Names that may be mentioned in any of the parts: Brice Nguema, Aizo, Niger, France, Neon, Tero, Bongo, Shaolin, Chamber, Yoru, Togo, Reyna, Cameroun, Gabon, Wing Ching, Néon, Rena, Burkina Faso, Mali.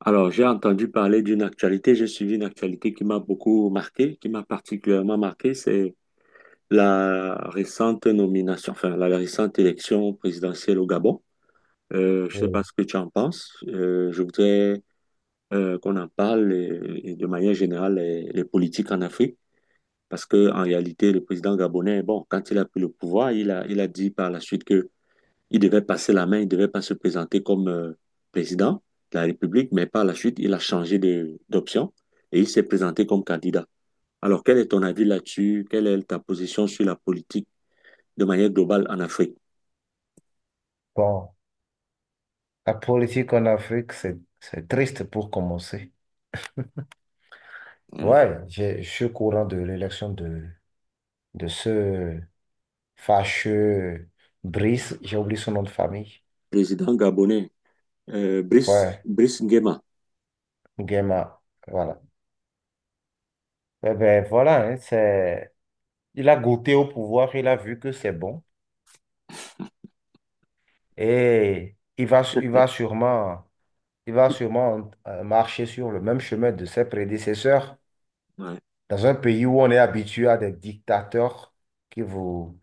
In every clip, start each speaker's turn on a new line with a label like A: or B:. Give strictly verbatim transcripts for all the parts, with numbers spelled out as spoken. A: Alors, j'ai entendu parler d'une actualité, j'ai suivi une actualité qui m'a beaucoup marqué, qui m'a particulièrement marqué, c'est la récente nomination, enfin, la récente élection présidentielle au Gabon. Euh, je ne sais
B: Euh,
A: pas ce que tu en penses. Euh, je voudrais euh, qu'on en parle et, et de manière générale les, les politiques en Afrique, parce que en réalité, le président gabonais, bon, quand il a pris le pouvoir, il a, il a dit par la suite il devait passer la main, il ne devait pas se présenter comme euh, président de la République, mais par la suite, il a changé de- d'option et il s'est présenté comme candidat. Alors, quel est ton avis là-dessus? Quelle est ta position sur la politique de manière globale en Afrique?
B: Bon, la politique en Afrique, c'est, c'est triste pour commencer.
A: Mm.
B: Ouais, j'ai- je suis au courant de l'élection de, de ce fâcheux Brice, j'ai oublié son nom de famille.
A: Président gabonais, euh, Brice,
B: Ouais,
A: Brice Nguema.
B: Nguema, voilà. Eh ben voilà, hein, c'est, il a goûté au pouvoir, il a vu que c'est bon et il va, il va sûrement, il va sûrement euh, marcher sur le même chemin de ses prédécesseurs
A: Ouais,
B: dans un pays où on est habitué à des dictateurs qui vous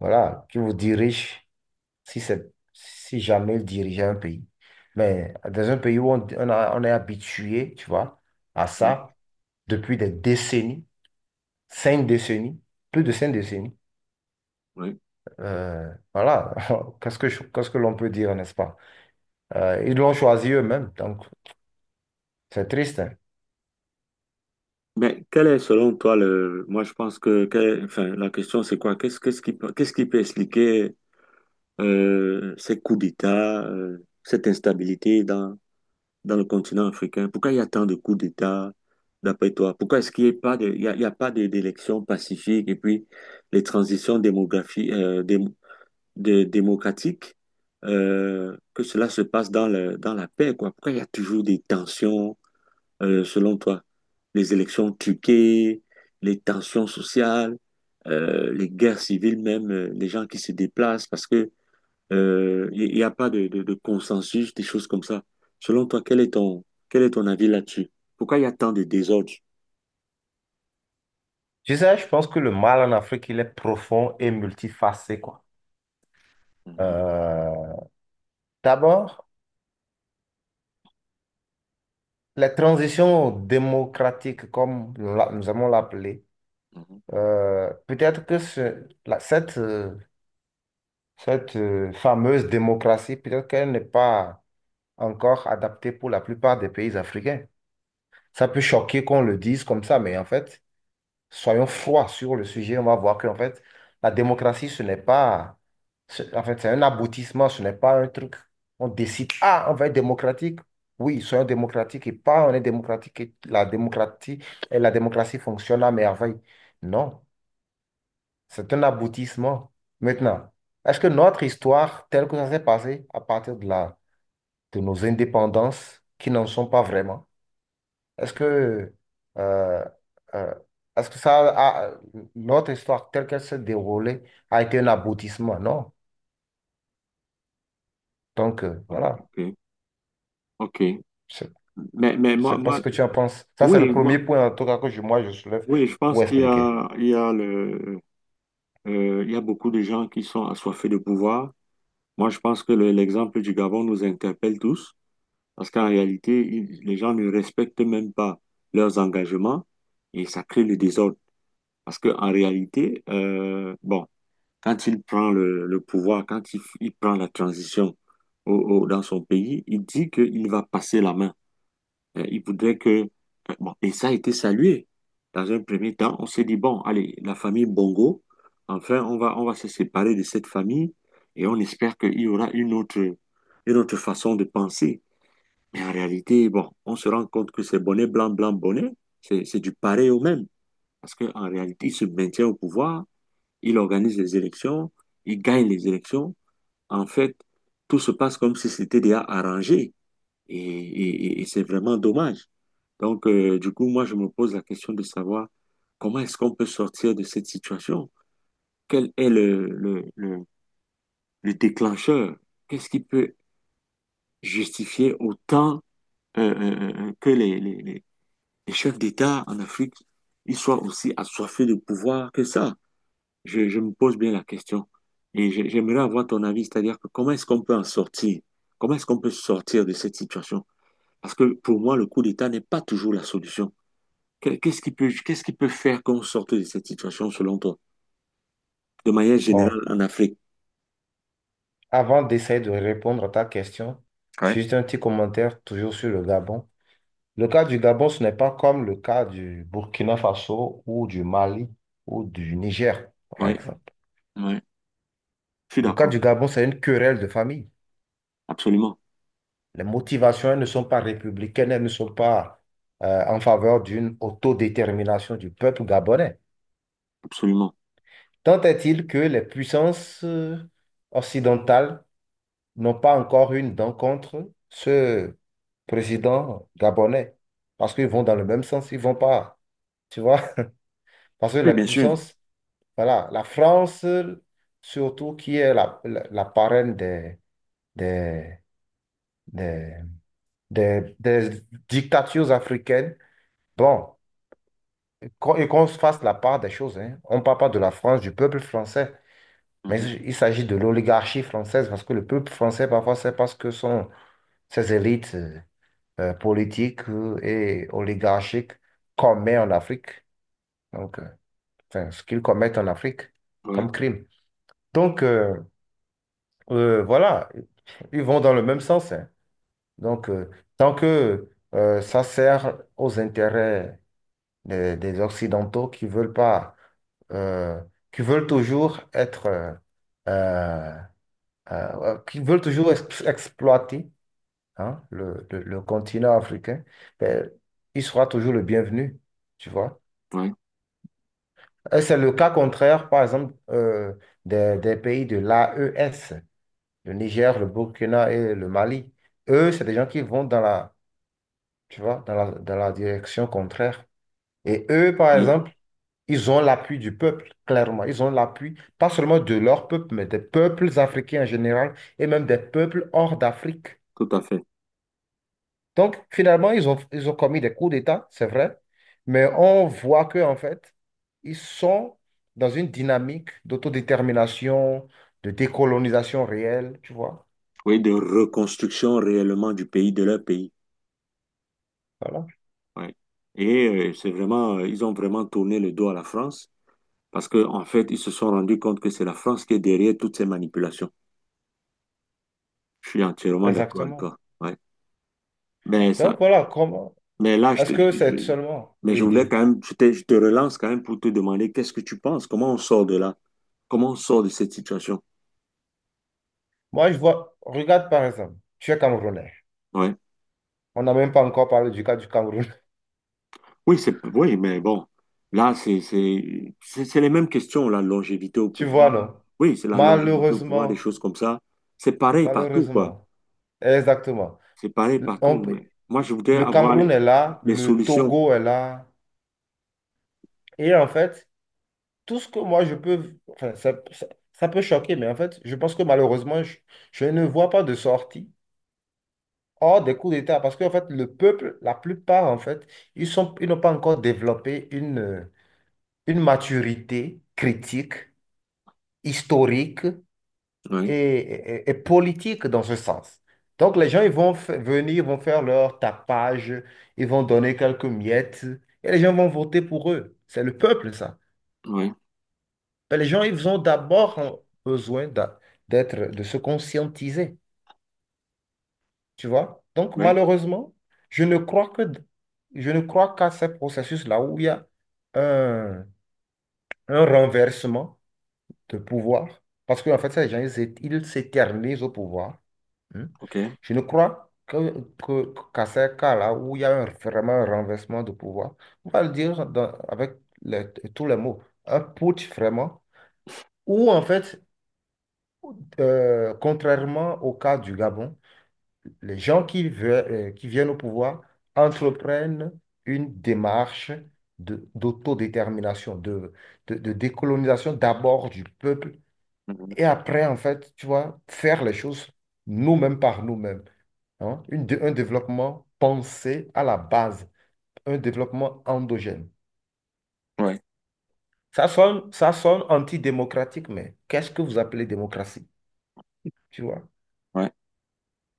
B: Voilà, qui vous dirige, si c'est, si jamais il dirigeait un pays. Mais dans un pays où on, on a- on est habitué, tu vois, à
A: ouais,
B: ça depuis des décennies, cinq décennies, plus de cinq décennies,
A: ouais.
B: euh, voilà, qu'est-ce que, je- qu'est-ce que l'on peut dire, n'est-ce pas? Euh, ils l'ont choisi eux-mêmes, donc c'est triste. Hein.
A: Mais quel est selon toi le... Moi, je pense que quel- enfin, la question, c'est quoi? Qu'est-ce qu'est-ce qui, peut- qu'est-ce qui peut expliquer euh, ces coups d'État, euh, cette instabilité dans dans le continent africain? Pourquoi il y a tant de coups d'État, d'après toi? Pourquoi est-ce qu'il n'y a pas de, il y a, il y a pas de- d'élections pacifiques et puis les transitions démographiques, euh, dé- de- démocratiques, euh, que cela se passe dans le, dans la paix, quoi? Pourquoi il y a toujours des tensions, euh, selon toi? Les élections truquées, les tensions sociales, euh, les guerres civiles même, euh, les gens qui se déplacent parce que euh, il n'y a pas de, de, de consensus, des choses comme ça. Selon toi, quel est ton, quel est ton avis là-dessus? Pourquoi il y a tant de désordre?
B: Je sais, je pense que le mal en Afrique, il est profond et multifacé, quoi.
A: Mhm,
B: Euh, D'abord, les transitions démocratiques, comme nous l'a- nous allons l'appeler,
A: mhm.
B: Euh, peut-être que ce- la- cette, euh, cette euh, fameuse démocratie, peut-être qu'elle n'est pas encore adaptée pour la plupart des pays africains. Ça peut choquer qu'on le dise comme ça, mais en fait, soyons froids sur le sujet. On va voir qu'en fait, la démocratie, ce n'est pas ce- en fait, c'est un aboutissement, ce n'est pas un truc. On décide, ah, on va être démocratique. Oui, soyons démocratiques et pas on est démocratique et la démocratie, et la démocratie fonctionne à merveille. Non. C'est un aboutissement. Maintenant, est-ce que notre histoire, telle que ça s'est passé à partir de la, de nos indépendances, qui n'en sont pas vraiment, est-ce que, euh, euh, est-ce que ça a- notre histoire telle qu'elle s'est déroulée a été un aboutissement? Non. Donc, euh, voilà.
A: Ok, ok.
B: Je
A: Mais, mais
B: je
A: moi,
B: pas
A: moi,
B: ce que tu en penses. Ça, c'est le
A: oui,
B: premier
A: moi,
B: point, en tout cas, que je- moi, je soulève
A: oui, je pense
B: pour
A: qu'il y
B: expliquer.
A: a, il y a le, euh, il y a beaucoup de gens qui sont assoiffés de pouvoir. Moi, je pense que le- l'exemple du Gabon nous interpelle tous, parce qu'en réalité, il- les gens ne respectent même pas leurs engagements et ça crée le désordre. Parce que en réalité, euh, bon. Quand il prend le, le pouvoir, quand il, il prend la transition au- au- dans son pays, il dit qu'il va passer la main. Euh, il voudrait que... euh, bon, et ça a été salué. Dans un premier temps, on s'est dit, bon, allez, la famille Bongo, enfin, on va, on va se séparer de cette famille et on espère qu'il y aura une autre, une autre façon de penser. Mais en réalité, bon, on se rend compte que c'est bonnet blanc, blanc, bonnet, c'est c'est du pareil au même. Parce qu'en réalité, il se maintient au pouvoir il organise les élections, il gagne les élections. En fait, tout se passe comme si c'était déjà arrangé et, et- et- c'est vraiment dommage. Donc, euh, du coup, moi, je me pose la question de savoir comment est-ce qu'on peut sortir de cette situation? Quel est le, le, le, le déclencheur? Qu'est-ce qui peut justifier autant euh, euh, euh, euh, que les, les, les les chefs d'État en Afrique, ils soient aussi assoiffés de pouvoir que ça? je, je me pose bien la question et j'ai- j'aimerais avoir ton avis, c'est-à-dire que comment est-ce qu'on peut en sortir? Comment est-ce qu'on peut sortir de cette situation? Parce que pour moi, le coup d'État n'est pas toujours la solution. Que- Qu'est-ce qui peut, qu'est-ce qui peut faire qu'on sorte de cette situation selon toi, de manière générale
B: Bon,
A: en Afrique?
B: avant d'essayer de répondre à ta question,
A: Ouais.
B: juste un petit commentaire toujours sur le Gabon. Le cas du Gabon, ce n'est pas comme le cas du Burkina Faso ou du Mali ou du Niger, par
A: Ouais,
B: exemple.
A: ouais, je suis
B: Le cas
A: d'accord,
B: du Gabon, c'est une querelle de famille.
A: absolument,
B: Les motivations, elles ne sont pas républicaines, elles ne sont pas euh, en faveur d'une autodétermination du peuple gabonais.
A: absolument.
B: Tant est-il que les puissances euh, occidentales n'ont pas encore une dent contre ce président gabonais, parce qu'ils vont dans le même sens, ils vont pas, tu vois, parce que
A: Oui,
B: la
A: bien sûr.
B: puissance Voilà, la France, surtout qui est la, la, la parraine des, des, des, des- des dictatures africaines. Bon, qu'on- et qu'on se fasse la part des choses, hein. On ne parle pas de la France, du peuple français, mais
A: Mhm.
B: il s'agit de l'oligarchie française, parce que le peuple français, parfois, c'est parce que son, ses élites euh, euh, politiques euh, et oligarchiques commettent en Afrique, donc, euh, enfin, ce qu'ils commettent en Afrique
A: Ouais,
B: comme crime. Donc, euh, euh, voilà, ils vont dans le même sens. Hein. Donc, euh, tant que euh, ça sert aux intérêts des, des Occidentaux qui veulent pas, euh, qui veulent toujours être, euh, euh, euh, qui veulent toujours ex- exploiter, hein, le, le- le continent africain, ben, il sera toujours le bienvenu, tu vois.
A: ouais,
B: Et c'est le cas contraire, par exemple, euh, des, des pays de l'A E S. Le Niger, le Burkina et le Mali. Eux, c'est des gens qui vont dans la, tu vois, dans la, dans la direction contraire. Et eux, par exemple,
A: oui,
B: ils ont l'appui du peuple, clairement. Ils ont l'appui, pas seulement de leur peuple, mais des peuples africains en général et même des peuples hors d'Afrique.
A: tout à fait.
B: Donc, finalement, ils ont, ils ont commis des coups d'État, c'est vrai, mais on voit que, en fait, ils sont dans une dynamique d'autodétermination, de décolonisation réelle, tu vois.
A: Oui, de reconstruction réellement du pays, de leur pays.
B: Voilà,
A: Ouais. Et euh, c'est vraiment, euh, ils ont vraiment tourné le dos à la France. Parce que, en fait, ils se sont rendus compte que c'est la France qui est derrière toutes ces manipulations. Je suis entièrement d'accord avec
B: exactement.
A: toi. Ouais. Mais ça,
B: Donc voilà, comment
A: mais là, je
B: est-ce
A: te, je-
B: que c'est
A: je-
B: seulement,
A: mais je
B: oui,
A: voulais
B: dit.
A: quand même, je te, je te relance quand même pour te demander qu'est-ce que tu penses? Comment on sort de là? Comment on sort de cette situation?
B: Moi, je vois, regarde par exemple, tu es Camerounais.
A: Ouais.
B: On n'a même pas encore parlé du cas du Cameroun.
A: Oui, c'est, oui, mais bon, là, c'est, c'est, c'est c'est les mêmes questions, la longévité au
B: Tu vois,
A: pouvoir.
B: non?
A: Oui, c'est la longévité au pouvoir, des
B: Malheureusement,
A: choses comme ça. C'est pareil partout, quoi.
B: malheureusement, exactement.
A: C'est pareil
B: Le on-
A: partout. Mais moi, je voudrais
B: le
A: avoir
B: Cameroun
A: les,
B: est là,
A: les
B: le
A: solutions.
B: Togo est là. Et en fait, tout ce que moi je peux, enfin, ça, ça- ça peut choquer, mais en fait, je pense que malheureusement, je, je ne vois pas de sortie hors des coups d'État. Parce qu'en fait, le peuple, la plupart, en fait, ils sont, ils n'ont pas encore développé une une maturité critique, historique et,
A: Oui,
B: et- et politique dans ce sens. Donc les gens ils vont f- venir, vont faire leur tapage, ils vont donner quelques miettes et les gens vont voter pour eux. C'est le peuple, ça.
A: oui.
B: Mais les gens, ils ont d'abord besoin d'a- d'être, de se conscientiser, tu vois. Donc
A: Oui,
B: malheureusement, je ne crois que, je ne crois qu'à ces processus-là où il y a un, un renversement de pouvoir, parce qu'en fait, ces gens, ils s'é- ils s'éternisent au pouvoir. Hein.
A: ok.
B: Je ne crois que, que- qu'à ces cas-là où il y a un- vraiment un renversement de pouvoir, on va le dire dans- avec les- tous les mots, un putsch vraiment, où en fait, euh, contrairement au cas du Gabon, les gens qui, veulent, euh, qui viennent au pouvoir entreprennent une démarche de- d'autodétermination, de, de de décolonisation d'abord du peuple.
A: Mhm.
B: Et après, en fait, tu vois, faire les choses nous-mêmes par nous-mêmes. Hein. Une dé- un développement pensé à la base, un développement endogène.
A: Ouais,
B: Ça sonne, ça sonne antidémocratique, mais qu'est-ce que vous appelez démocratie? Tu vois?
A: ouais.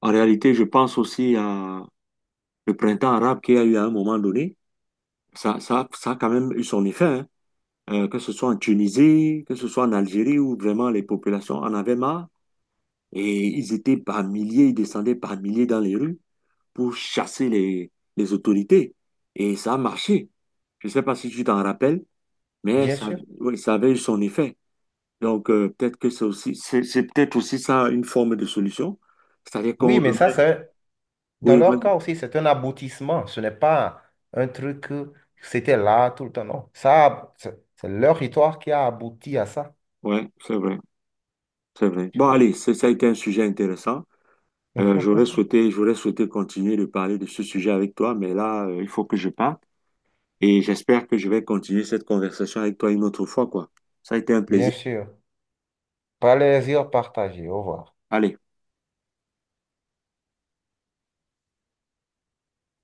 A: En réalité, je pense aussi à le printemps arabe qu'il y a eu à un moment donné. Ça, ça, ça a quand même eu son effet, hein. Euh, que ce soit en Tunisie, que ce soit en Algérie, où vraiment les populations en avaient marre et ils étaient par milliers, ils descendaient par milliers dans les rues pour chasser les, les autorités. Et ça a marché. Je ne sais pas si tu t'en rappelles, mais
B: Bien
A: ça,
B: sûr.
A: oui, ça avait eu son effet. Donc, euh, peut-être que c'est aussi, c'est c'est peut-être aussi ça une forme de solution. C'est-à-dire qu'on
B: Oui, mais ça,
A: remet.
B: c'est, dans
A: Oui,
B: leur
A: vas-y.
B: cas aussi, c'est un aboutissement. Ce n'est pas un truc que c'était là tout le temps. Non. Ça, c'est c'est leur histoire qui a abouti à ça.
A: Ouais, c'est vrai, c'est vrai.
B: Tu
A: Bon,
B: vois?
A: allez, c'est- ça a été un sujet intéressant. Euh, j'aurais souhaité, j'aurais souhaité continuer de parler de ce sujet avec toi, mais là, euh, il faut que je parte et j'espère que je vais continuer cette conversation avec toi une autre fois, quoi. Ça a été un
B: Bien
A: plaisir.
B: sûr. Plaisir partagé. Au revoir.
A: Allez.